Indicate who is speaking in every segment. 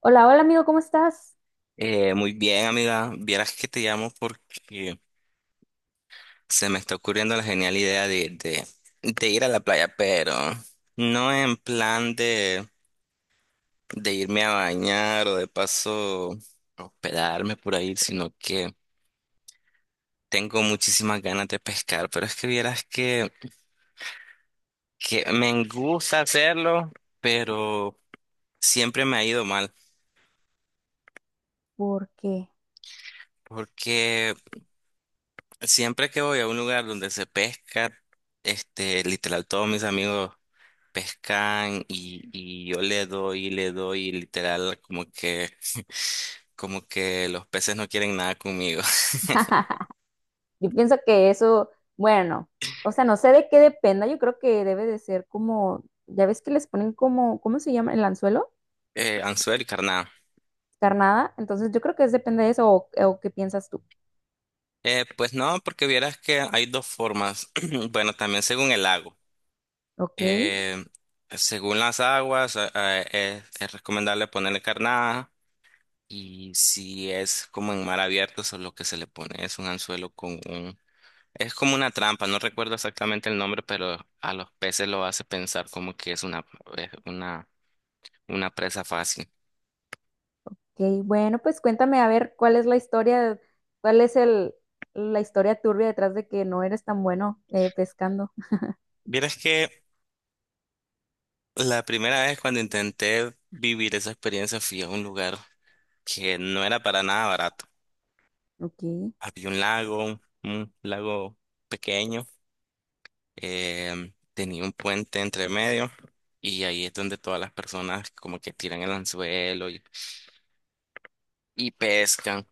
Speaker 1: Hola, hola amigo, ¿cómo estás?
Speaker 2: Muy bien, amiga. Vieras que te llamo porque se me está ocurriendo la genial idea de ir a la playa, pero no en plan de irme a bañar o de paso hospedarme por ahí, sino que tengo muchísimas ganas de pescar. Pero es que vieras que me gusta hacerlo, pero siempre me ha ido mal.
Speaker 1: Porque
Speaker 2: Porque siempre que voy a un lugar donde se pesca, este, literal, todos mis amigos pescan y yo le doy y literal como que los peces no quieren nada conmigo.
Speaker 1: yo pienso que eso, bueno, o sea, no sé de qué dependa, yo creo que debe de ser como, ya ves que les ponen como, ¿cómo se llama? El anzuelo,
Speaker 2: Anzuelo y carnada.
Speaker 1: carnada, entonces yo creo que es depende de eso o qué piensas tú.
Speaker 2: Pues no, porque vieras que hay dos formas. Bueno, también según el lago.
Speaker 1: Ok, ok,
Speaker 2: Eh, Según las aguas, es recomendable ponerle carnada. Y si es como en mar abierto, eso es lo que se le pone. Es un anzuelo con un. Es como una trampa, no recuerdo exactamente el nombre, pero a los peces lo hace pensar como que es una presa fácil.
Speaker 1: bueno, pues cuéntame a ver cuál es la historia, cuál es el, la historia turbia detrás de que no eres tan bueno pescando.
Speaker 2: Vieras que la primera vez cuando intenté vivir esa experiencia fui a un lugar que no era para nada barato.
Speaker 1: Ok,
Speaker 2: Había un lago pequeño, tenía un puente entre medio y ahí es donde todas las personas como que tiran el anzuelo y pescan.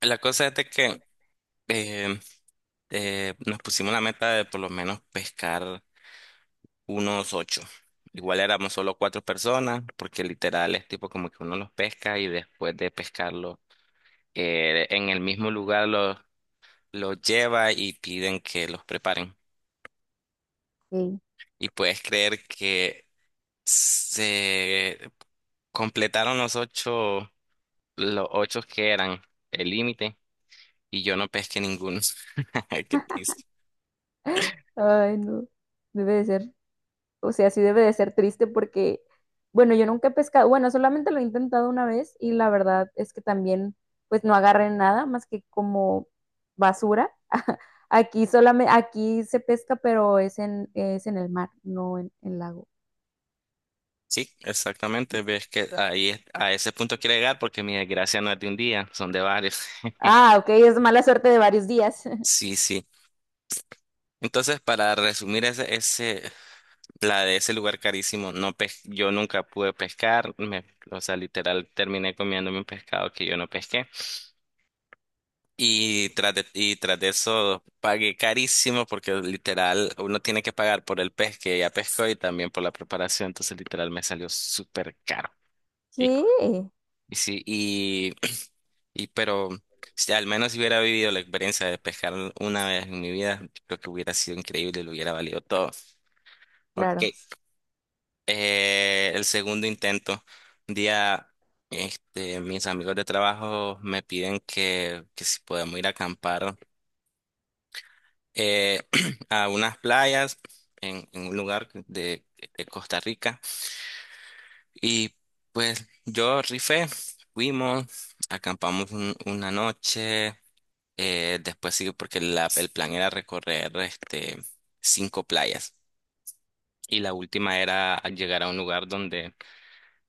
Speaker 2: La cosa es de que... em, Nos pusimos la meta de por lo menos pescar unos ocho. Igual éramos solo cuatro personas, porque literal es tipo como que uno los pesca y después de pescarlo en el mismo lugar los lleva y piden que los preparen.
Speaker 1: ok,
Speaker 2: Y puedes creer que se completaron los ocho que eran el límite y yo no pesqué ninguno. Qué triste.
Speaker 1: ay no, debe de ser. O sea, sí debe de ser triste porque, bueno, yo nunca he pescado, bueno, solamente lo he intentado una vez y la verdad es que también, pues no agarré nada más que como basura. Aquí solamente, aquí se pesca, pero es en el mar, no en el lago.
Speaker 2: Sí, exactamente. Ves que ahí es- a ese punto quiero llegar porque mi desgracia no es de un día, son de varios.
Speaker 1: Ah, ok, es mala suerte de varios días.
Speaker 2: Sí, sí. Entonces, para resumir ese, la de ese lugar carísimo, no pes- yo nunca pude pescar, me- o sea, literal terminé comiéndome un pescado que yo no pesqué. Y tras de eso pagué carísimo porque literal uno tiene que pagar por el pez que ya pescó y también por la preparación, entonces literal me salió súper caro.
Speaker 1: ¿Qué?
Speaker 2: Sí, y, y pero si al menos si hubiera vivido la experiencia de pescar una vez en mi vida, yo creo que hubiera sido increíble, y lo hubiera valido todo. Ok,
Speaker 1: Claro.
Speaker 2: el segundo intento. Un día, este, mis amigos de trabajo me piden que si podemos ir a acampar eh, a unas playas en un lugar de Costa Rica. Y pues yo rifé, fuimos, acampamos un- una noche. Después sí, porque la- el plan era recorrer este, cinco playas. Y la última era llegar a un lugar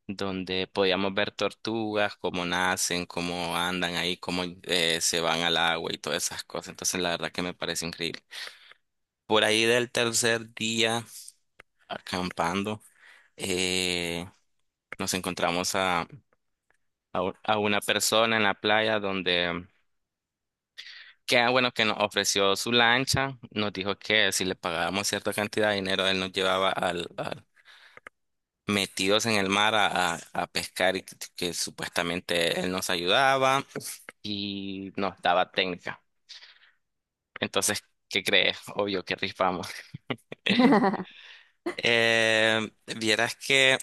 Speaker 2: donde podíamos ver tortugas, cómo nacen, cómo andan ahí, cómo se van al agua y todas esas cosas. Entonces, la verdad que me parece increíble. Por ahí del tercer día, acampando, eh, nos encontramos a una persona en la playa donde. Que ah, bueno, que nos ofreció su lancha, nos dijo que si le pagábamos cierta cantidad de dinero, él nos llevaba metidos en el mar a pescar y que supuestamente él nos ayudaba y nos daba técnica. Entonces, ¿qué crees? Obvio que rifamos. Eh, Vieras que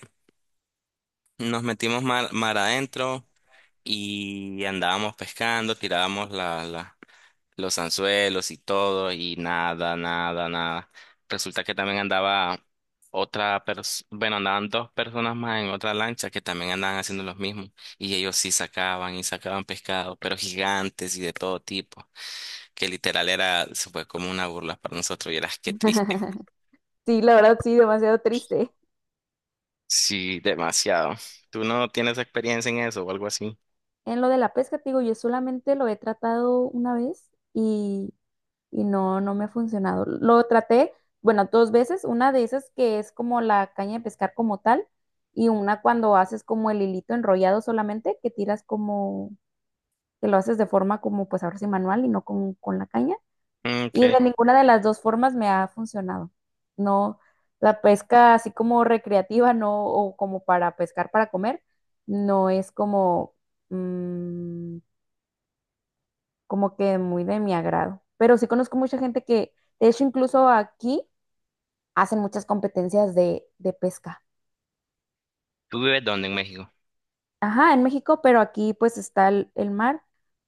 Speaker 2: nos metimos mar adentro y andábamos pescando, tirábamos los anzuelos y todo, y nada, nada, nada. Resulta que también andaba otra persona, bueno, andaban dos personas más en otra lancha que también andaban haciendo los mismos, y ellos sí sacaban y sacaban pescado, pero gigantes y de todo tipo, que literal era, se fue como una burla para nosotros, y eras qué triste.
Speaker 1: Sí, la verdad, sí, demasiado triste.
Speaker 2: Sí, demasiado. ¿Tú no tienes experiencia en eso o algo así?
Speaker 1: En lo de la pesca, te digo, yo solamente lo he tratado una vez y no, no me ha funcionado. Lo traté, bueno, dos veces, una de esas que es como la caña de pescar como tal, y una cuando haces como el hilito enrollado solamente, que tiras como, que lo haces de forma como pues ahora sí manual y no con, con la caña. Y
Speaker 2: Okay.
Speaker 1: de ninguna de las dos formas me ha funcionado. No, la pesca así como recreativa, no, o como para pescar para comer, no es como mm, como que muy de mi agrado. Pero sí conozco mucha gente que, de hecho, incluso aquí hacen muchas competencias de pesca.
Speaker 2: ¿Tú vives dónde en México?
Speaker 1: Ajá, en México, pero aquí pues está el mar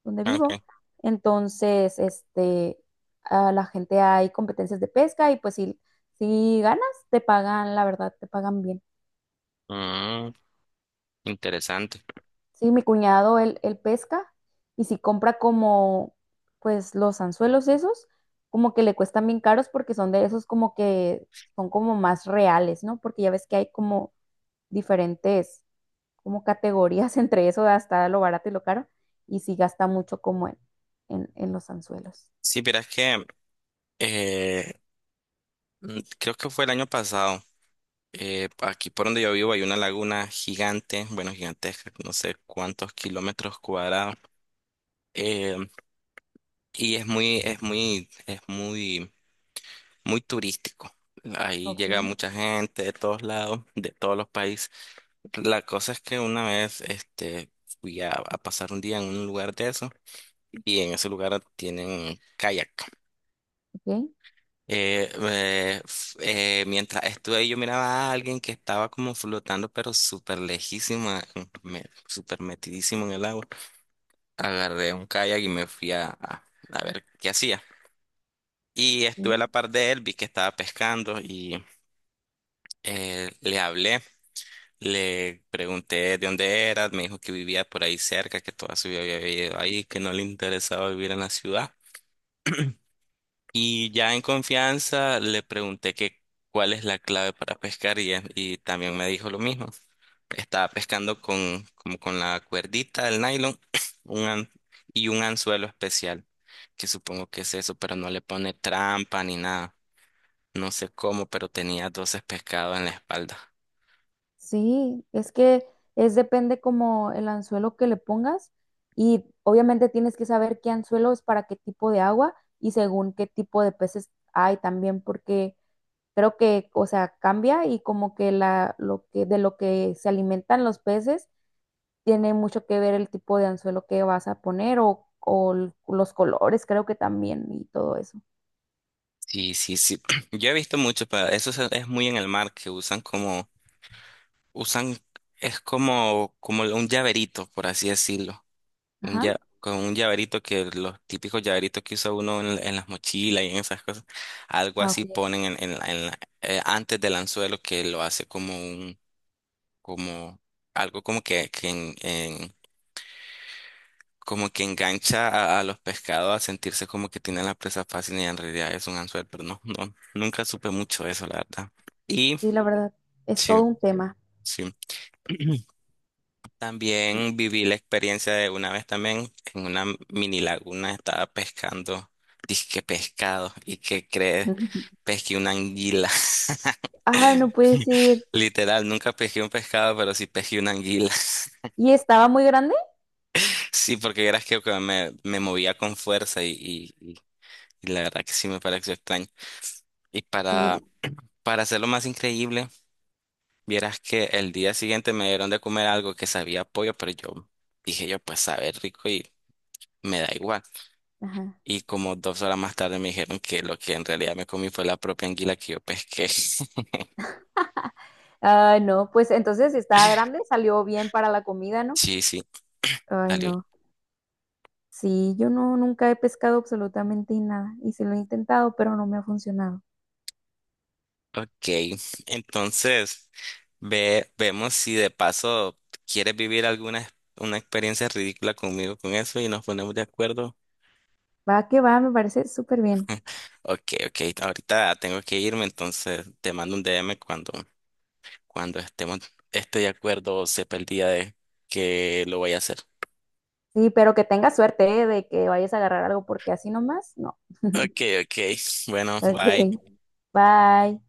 Speaker 1: donde
Speaker 2: Ah,
Speaker 1: vivo.
Speaker 2: okay.
Speaker 1: Entonces, este, a la gente hay competencias de pesca y pues si, si ganas, te pagan, la verdad, te pagan bien.
Speaker 2: Mm, Interesante.
Speaker 1: Sí, mi cuñado, él pesca y si compra como, pues los anzuelos esos, como que le cuestan bien caros porque son de esos como que son como más reales, ¿no? Porque ya ves que hay como diferentes, como categorías entre eso, hasta lo barato y lo caro, y sí gasta mucho como en los anzuelos.
Speaker 2: Sí, pero es que eh, creo que fue el año pasado. Aquí por donde yo vivo hay una laguna gigante, bueno, gigantesca, no sé cuántos kilómetros cuadrados. eh, y es muy, es muy turístico. Ahí
Speaker 1: Ok,
Speaker 2: llega mucha gente de todos lados, de todos los países. La cosa es que una vez, este, fui a pasar un día en un lugar de eso y en ese lugar tienen kayak.
Speaker 1: ok.
Speaker 2: Mientras estuve ahí, yo miraba a alguien que estaba como flotando, pero súper lejísimo, súper metidísimo en el agua. Agarré un kayak y me fui a ver qué hacía. Y estuve a
Speaker 1: Sí.
Speaker 2: la par de él, vi que estaba pescando y le hablé, le pregunté de dónde era, me dijo que vivía por ahí cerca, que toda su vida había vivido ahí, que no le interesaba vivir en la ciudad. Y ya en confianza le pregunté que cuál es la clave para pescar y también me dijo lo mismo. Estaba pescando con, como con la cuerdita del nylon un an- y un anzuelo especial, que supongo que es eso, pero no le pone trampa ni nada. No sé cómo, pero tenía 12 pescados en la espalda.
Speaker 1: Sí, es que es depende como el anzuelo que le pongas y obviamente tienes que saber qué anzuelo es para qué tipo de agua y según qué tipo de peces hay también porque creo que, o sea, cambia y como que la lo que de lo que se alimentan los peces tiene mucho que ver el tipo de anzuelo que vas a poner o, o los colores, creo que también y todo eso.
Speaker 2: Sí, sí, sí. Yo he visto mucho, pero eso es muy en el mar, que usan usan, es como, como un llaverito, por así decirlo.
Speaker 1: Ajá.
Speaker 2: Con un llaverito, que los típicos llaveritos que usa uno en las mochilas y en esas cosas, algo
Speaker 1: Ah, ok.
Speaker 2: así ponen en antes del anzuelo, que lo hace como un, como algo como que como que engancha a los pescados a sentirse como que tienen la presa fácil y en realidad es un anzuelo, pero no, no, nunca supe mucho de eso, la verdad. Y
Speaker 1: Sí, la verdad es
Speaker 2: sí,
Speaker 1: todo un tema.
Speaker 2: sí. También viví la experiencia de una vez también en una mini laguna estaba pescando, dizque pescado, y qué crees, pesqué una anguila.
Speaker 1: Ay, no puedes ir.
Speaker 2: Literal, nunca pesqué un pescado, pero sí pesqué una anguila.
Speaker 1: ¿Y estaba muy grande?
Speaker 2: Sí, porque verás que me movía con fuerza y la verdad que sí me pareció extraño. Y
Speaker 1: Sí,
Speaker 2: para hacerlo más increíble, vieras que el día siguiente me dieron de comer algo que sabía a pollo, pero yo dije yo, pues sabe rico y me da igual.
Speaker 1: ajá.
Speaker 2: Y como 2 horas más tarde me dijeron que lo que en realidad me comí fue la propia anguila que yo pesqué.
Speaker 1: Ah, no, pues entonces si estaba grande, salió bien para la comida, ¿no?
Speaker 2: Sí, sí,
Speaker 1: Ay,
Speaker 2: salió.
Speaker 1: no. Sí, yo no, nunca he pescado absolutamente nada y sí lo he intentado, pero no me ha funcionado.
Speaker 2: Ok, entonces vemos si de paso quieres vivir una experiencia ridícula conmigo con eso y nos ponemos de acuerdo.
Speaker 1: Va que va, me parece súper bien.
Speaker 2: Ok, ok, ahorita tengo que irme, entonces te mando un DM cuando estemos, esté de acuerdo o sepa el día de que lo voy a hacer.
Speaker 1: Sí, pero que tengas suerte, ¿eh? De que vayas a agarrar algo porque así nomás, no.
Speaker 2: Ok, ok, bueno,
Speaker 1: Bueno, ok,
Speaker 2: bye.
Speaker 1: bye.